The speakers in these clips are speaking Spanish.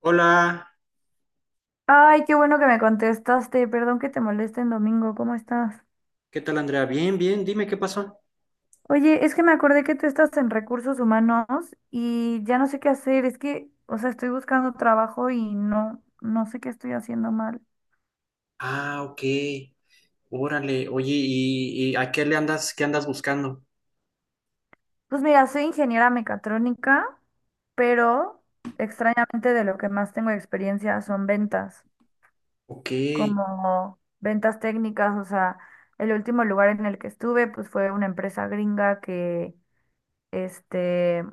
Hola, Ay, qué bueno que me contestaste. Perdón que te moleste en domingo. ¿Cómo estás? ¿qué tal Andrea? Bien, bien, dime qué pasó. Oye, es que me acordé que tú estás en recursos humanos y ya no sé qué hacer. Es que, o sea, estoy buscando trabajo y no sé qué estoy haciendo mal. Ah, ok, órale, oye, ¿y a qué le andas, qué andas buscando? Pues mira, soy ingeniera mecatrónica, pero extrañamente de lo que más tengo experiencia son ventas, Ok, como ventas técnicas. O sea, el último lugar en el que estuve, pues fue una empresa gringa que, este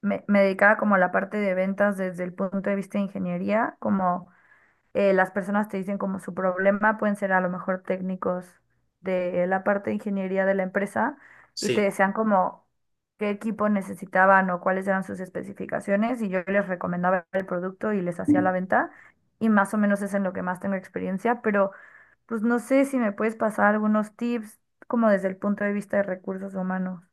me dedicaba como a la parte de ventas desde el punto de vista de ingeniería, como las personas te dicen como su problema, pueden ser a lo mejor técnicos de la parte de ingeniería de la empresa y te sí. decían como qué equipo necesitaban o cuáles eran sus especificaciones y yo les recomendaba el producto y les hacía la venta y más o menos es en lo que más tengo experiencia, pero pues no sé si me puedes pasar algunos tips como desde el punto de vista de recursos humanos.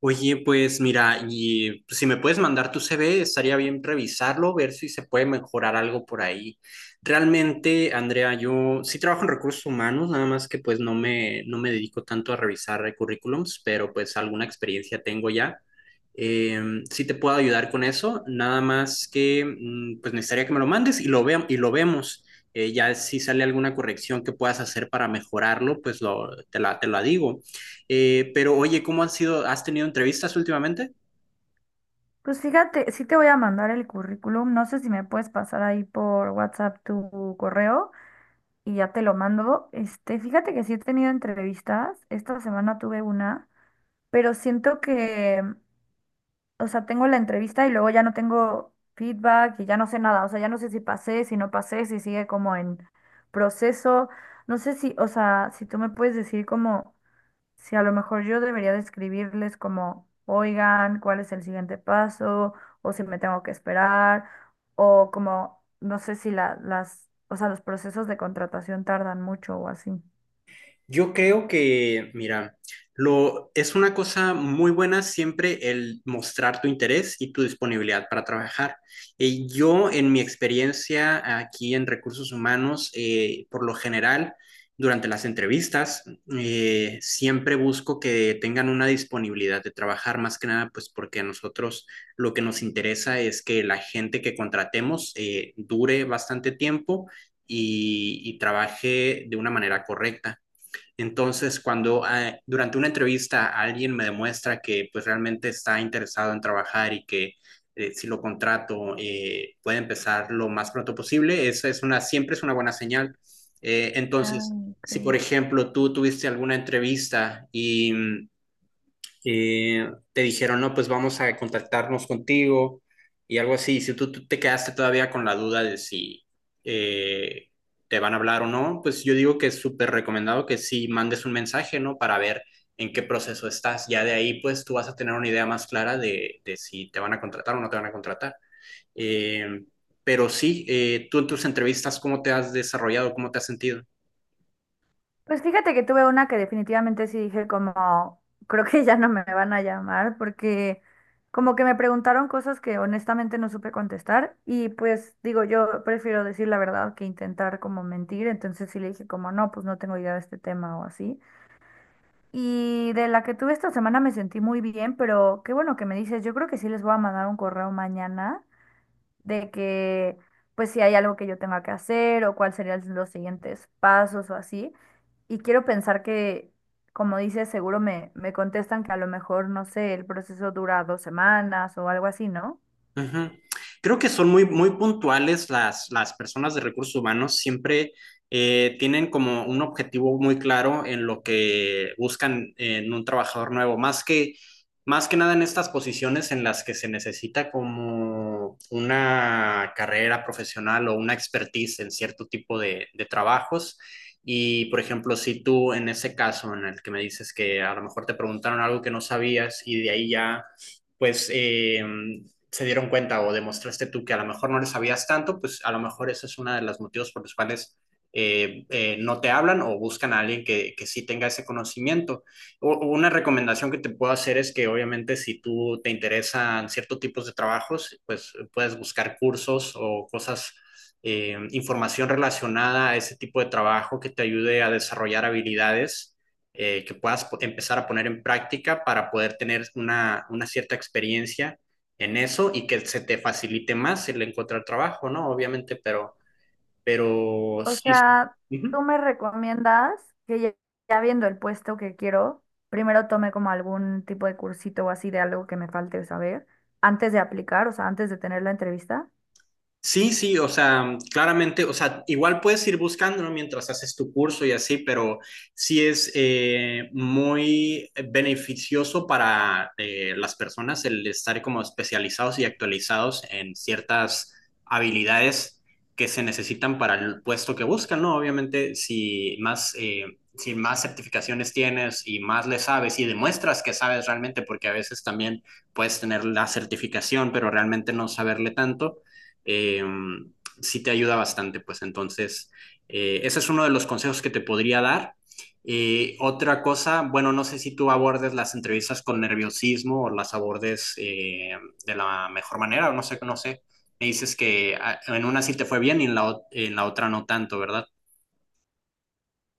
Oye, pues mira, y pues, si me puedes mandar tu CV, estaría bien revisarlo, ver si se puede mejorar algo por ahí. Realmente, Andrea, yo sí trabajo en recursos humanos, nada más que pues no me dedico tanto a revisar currículums, pero pues alguna experiencia tengo ya. Sí te puedo ayudar con eso, nada más que pues necesitaría que me lo mandes y y lo vemos. Ya si sale alguna corrección que puedas hacer para mejorarlo, pues te la digo. Pero oye, ¿cómo han sido? ¿Has tenido entrevistas últimamente? Pues fíjate, sí te voy a mandar el currículum. No sé si me puedes pasar ahí por WhatsApp tu correo y ya te lo mando. Este, fíjate que sí he tenido entrevistas. Esta semana tuve una, pero siento que, o sea, tengo la entrevista y luego ya no tengo feedback y ya no sé nada. O sea, ya no sé si pasé, si no pasé, si sigue como en proceso. No sé si, o sea, si tú me puedes decir como si a lo mejor yo debería describirles como, oigan, cuál es el siguiente paso, o si me tengo que esperar, o como, no sé si las, o sea, los procesos de contratación tardan mucho o así. Yo creo que, mira, es una cosa muy buena siempre el mostrar tu interés y tu disponibilidad para trabajar. Y yo, en mi experiencia aquí en recursos humanos, por lo general, durante las entrevistas, siempre busco que tengan una disponibilidad de trabajar, más que nada, pues porque a nosotros lo que nos interesa es que la gente que contratemos dure bastante tiempo y trabaje de una manera correcta. Entonces, cuando durante una entrevista alguien me demuestra que pues realmente está interesado en trabajar y que si lo contrato puede empezar lo más pronto posible, siempre es una buena señal. Eh, Ah, entonces, si por ok. ejemplo tú tuviste alguna entrevista y te dijeron, no, pues vamos a contactarnos contigo y algo así. Si tú te quedaste todavía con la duda de si eh, te van a hablar o no, pues yo digo que es súper recomendado que sí mandes un mensaje, ¿no? Para ver en qué proceso estás. Ya de ahí, pues tú vas a tener una idea más clara de si te van a contratar o no te van a contratar. Eh, pero sí, tú en tus entrevistas, ¿cómo te has desarrollado? ¿Cómo te has sentido? Pues fíjate que tuve una que definitivamente sí dije como, creo que ya no me van a llamar porque como que me preguntaron cosas que honestamente no supe contestar y pues digo, yo prefiero decir la verdad que intentar como mentir, entonces sí le dije como, no, pues no tengo idea de este tema o así. Y de la que tuve esta semana me sentí muy bien, pero qué bueno que me dices, yo creo que sí les voy a mandar un correo mañana de que pues si hay algo que yo tenga que hacer o cuáles serían los siguientes pasos o así. Y quiero pensar que, como dices, seguro me contestan que a lo mejor, no sé, el proceso dura 2 semanas o algo así, ¿no? Ujú. Creo que son muy puntuales las personas de recursos humanos, siempre tienen como un objetivo muy claro en lo que buscan en un trabajador nuevo, más que nada en estas posiciones en las que se necesita como una carrera profesional o una expertise en cierto tipo de trabajos. Y, por ejemplo, si tú en ese caso en el que me dices que a lo mejor te preguntaron algo que no sabías y de ahí ya pues se dieron cuenta o demostraste tú que a lo mejor no les sabías tanto, pues a lo mejor ese es uno de los motivos por los cuales no te hablan o buscan a alguien que sí tenga ese conocimiento. O una recomendación que te puedo hacer es que obviamente si tú te interesan ciertos tipos de trabajos, pues puedes buscar cursos o cosas, información relacionada a ese tipo de trabajo que te ayude a desarrollar habilidades. Que puedas empezar a poner en práctica para poder tener una cierta experiencia en eso y que se te facilite más el encontrar trabajo, ¿no? Obviamente, pero O sí. sea, Ujú. tú me recomiendas que ya viendo el puesto que quiero, primero tome como algún tipo de cursito o así de algo que me falte saber antes de aplicar, o sea, antes de tener la entrevista. Sí, sí, o sea, claramente, o sea, igual puedes ir buscándolo mientras haces tu curso y así, pero sí es muy beneficioso para las personas el estar como especializados y actualizados en ciertas habilidades que se necesitan para el puesto que buscan, ¿no? Obviamente, si más certificaciones tienes y más le sabes y demuestras que sabes realmente, porque a veces también puedes tener la certificación, pero realmente no saberle tanto eh, sí te ayuda bastante, pues entonces, ese es uno de los consejos que te podría dar. Otra cosa, bueno, no sé si tú abordes las entrevistas con nerviosismo o las abordes de la mejor manera, o no sé, no sé. Me dices que en una sí te fue bien y en en la otra no tanto, ¿verdad?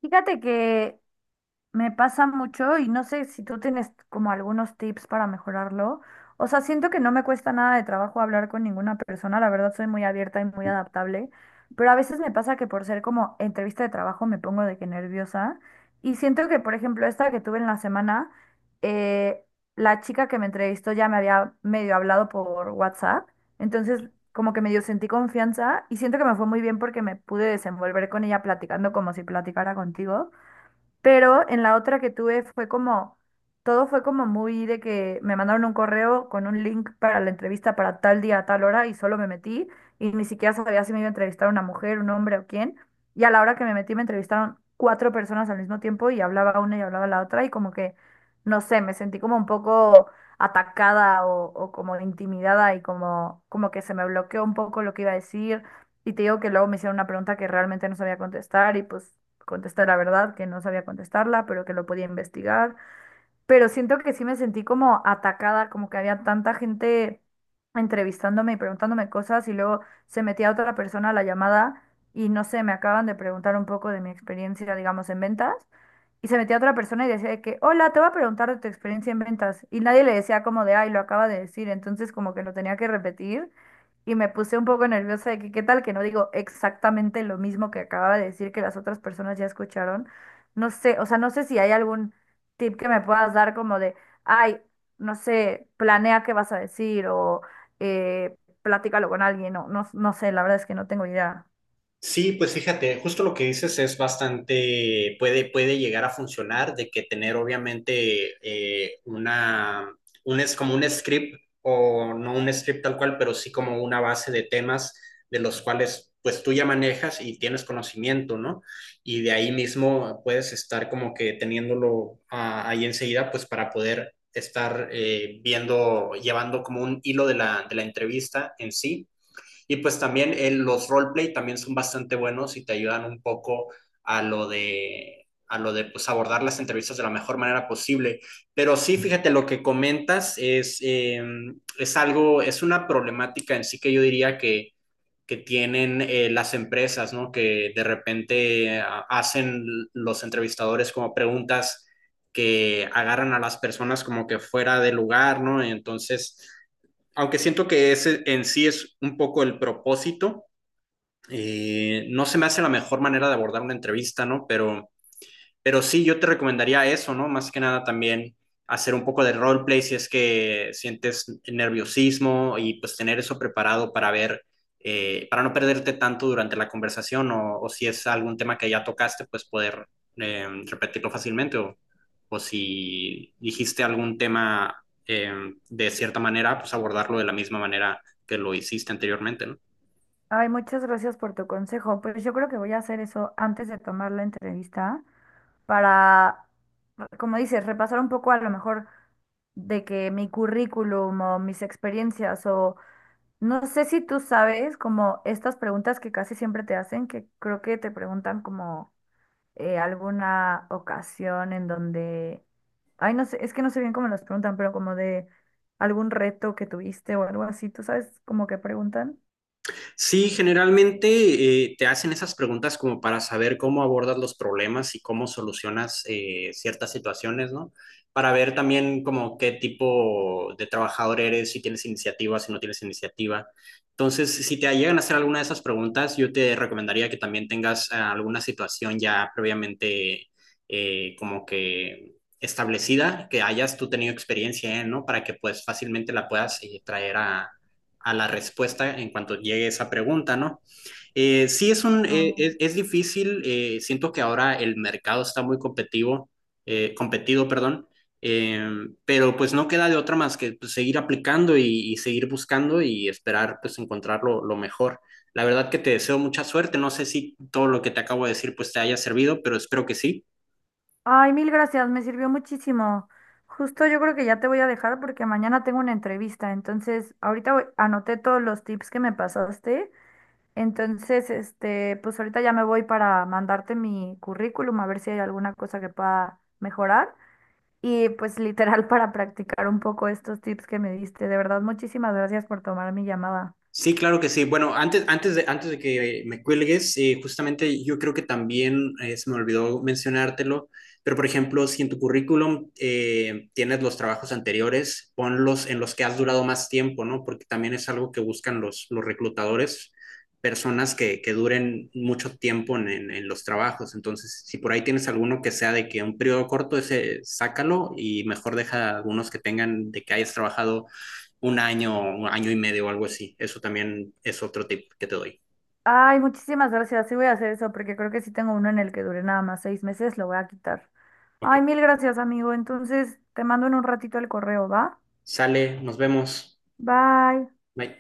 Fíjate que Me pasa mucho y no sé si tú tienes como algunos tips para mejorarlo. O sea, siento que no me cuesta nada de trabajo hablar con ninguna persona. La verdad soy muy abierta y muy adaptable. Pero a veces me pasa que por ser como entrevista de trabajo me pongo de que nerviosa. Y siento que, por ejemplo, esta que tuve en la semana, eh, la chica que me entrevistó ya me había medio hablado por WhatsApp. Entonces, como que medio sentí confianza y siento que me fue muy bien porque me pude desenvolver con ella platicando como si platicara contigo. Pero en la otra que tuve fue como, todo fue como muy de que me mandaron un correo con un link para la entrevista para tal día, a tal hora y solo me metí y ni siquiera sabía si me iba a entrevistar una mujer, un hombre o quién. Y a la hora que me metí me entrevistaron 4 personas al mismo tiempo y hablaba una y hablaba la otra y como que, no sé, me sentí como un poco atacada o como intimidada y como, como que se me bloqueó un poco lo que iba a decir. Y te digo que luego me hicieron una pregunta que realmente no sabía contestar y pues contesté la verdad, que no sabía contestarla, pero que lo podía investigar, pero siento que sí me sentí como atacada, como que había tanta gente entrevistándome y preguntándome cosas y luego se metía otra persona a la llamada y no sé, me acaban de preguntar un poco de mi experiencia, digamos, en ventas y se metía otra persona y decía de que, hola, te voy a preguntar de tu experiencia en ventas y nadie le decía como de, ay, lo acaba de decir, entonces como que lo tenía que repetir. Y me puse un poco nerviosa de que qué tal que no digo exactamente lo mismo que acababa de decir que las otras personas ya escucharon. No sé, o sea, no sé si hay algún tip que me puedas dar como de, ay, no sé, planea qué vas a decir o eh, platícalo con alguien o no, no sé, la verdad es que no tengo idea. Sí, pues fíjate, justo lo que dices es bastante, puede llegar a funcionar, de que tener obviamente es como un script, o no un script tal cual, pero sí como una base de temas de los cuales pues tú ya manejas y tienes conocimiento, ¿no? Y de ahí mismo puedes estar como que teniéndolo ahí enseguida, pues para poder estar viendo, llevando como un hilo de de la entrevista en sí y pues también los roleplay también son bastante buenos y te ayudan un poco a lo de pues, abordar las entrevistas de la mejor manera posible. Pero sí, fíjate, lo que comentas es algo, es una problemática en sí que yo diría que tienen las empresas, ¿no? Que de repente hacen los entrevistadores como preguntas que agarran a las personas como que fuera de lugar, ¿no? Entonces aunque siento que ese en sí es un poco el propósito, no se me hace la mejor manera de abordar una entrevista, ¿no? Pero sí, yo te recomendaría eso, ¿no? Más que nada también hacer un poco de roleplay si es que sientes nerviosismo y pues tener eso preparado para ver, para no perderte tanto durante la conversación o si es algún tema que ya tocaste, pues poder repetirlo fácilmente o si dijiste algún tema de cierta manera, pues abordarlo de la misma manera que lo hiciste anteriormente, ¿no? Ay, muchas gracias por tu consejo. Pues yo creo que voy a hacer eso antes de tomar la entrevista para, como dices, repasar un poco a lo mejor de que mi currículum o mis experiencias o no sé si tú sabes como estas preguntas que casi siempre te hacen, que creo que te preguntan como alguna ocasión en donde, ay, no sé, es que no sé bien cómo las preguntan, pero como de algún reto que tuviste o algo así, ¿tú sabes como que preguntan? Sí, generalmente te hacen esas preguntas como para saber cómo abordas los problemas y cómo solucionas ciertas situaciones, ¿no? Para ver también como qué tipo de trabajador eres, si tienes iniciativa, si no tienes iniciativa. Entonces, si te llegan a hacer alguna de esas preguntas, yo te recomendaría que también tengas alguna situación ya previamente como que establecida, que hayas tú tenido experiencia en, ¿no? Para que pues fácilmente la puedas traer a la respuesta en cuanto llegue esa pregunta, ¿no? Eh, sí es un, Ah. eh, es, es difícil, siento que ahora el mercado está muy competitivo, competido, perdón, eh, pero pues no queda de otra más que pues, seguir aplicando y seguir buscando y esperar pues encontrar lo mejor. La verdad que te deseo mucha suerte, no sé si todo lo que te acabo de decir pues te haya servido, pero espero que sí. Ay, mil gracias, me sirvió muchísimo. Justo yo creo que ya te voy a dejar porque mañana tengo una entrevista, entonces ahorita anoté todos los tips que me pasaste, entonces este, pues ahorita ya me voy para mandarte mi currículum a ver si hay alguna cosa que pueda mejorar. Y pues literal para practicar un poco estos tips que me diste. De verdad, muchísimas gracias por tomar mi llamada. Sí, claro que sí. Bueno, antes de que me cuelgues, justamente yo creo que también se me olvidó mencionártelo, pero por ejemplo, si en tu currículum tienes los trabajos anteriores, ponlos en los que has durado más tiempo, ¿no? Porque también es algo que buscan los reclutadores, personas que duren mucho tiempo en los trabajos. Entonces, si por ahí tienes alguno que sea de que un periodo corto, ese sácalo y mejor deja algunos que tengan de que hayas trabajado un año y medio o algo así. Eso también es otro tip que te doy. Ay, muchísimas gracias. Sí voy a hacer eso porque creo que sí tengo uno en el que dure nada más 6 meses. Lo voy a quitar. Ok. Ay, mil gracias, amigo. Entonces, te mando en un ratito el correo, ¿va? Sale, nos vemos. Bye. Bye.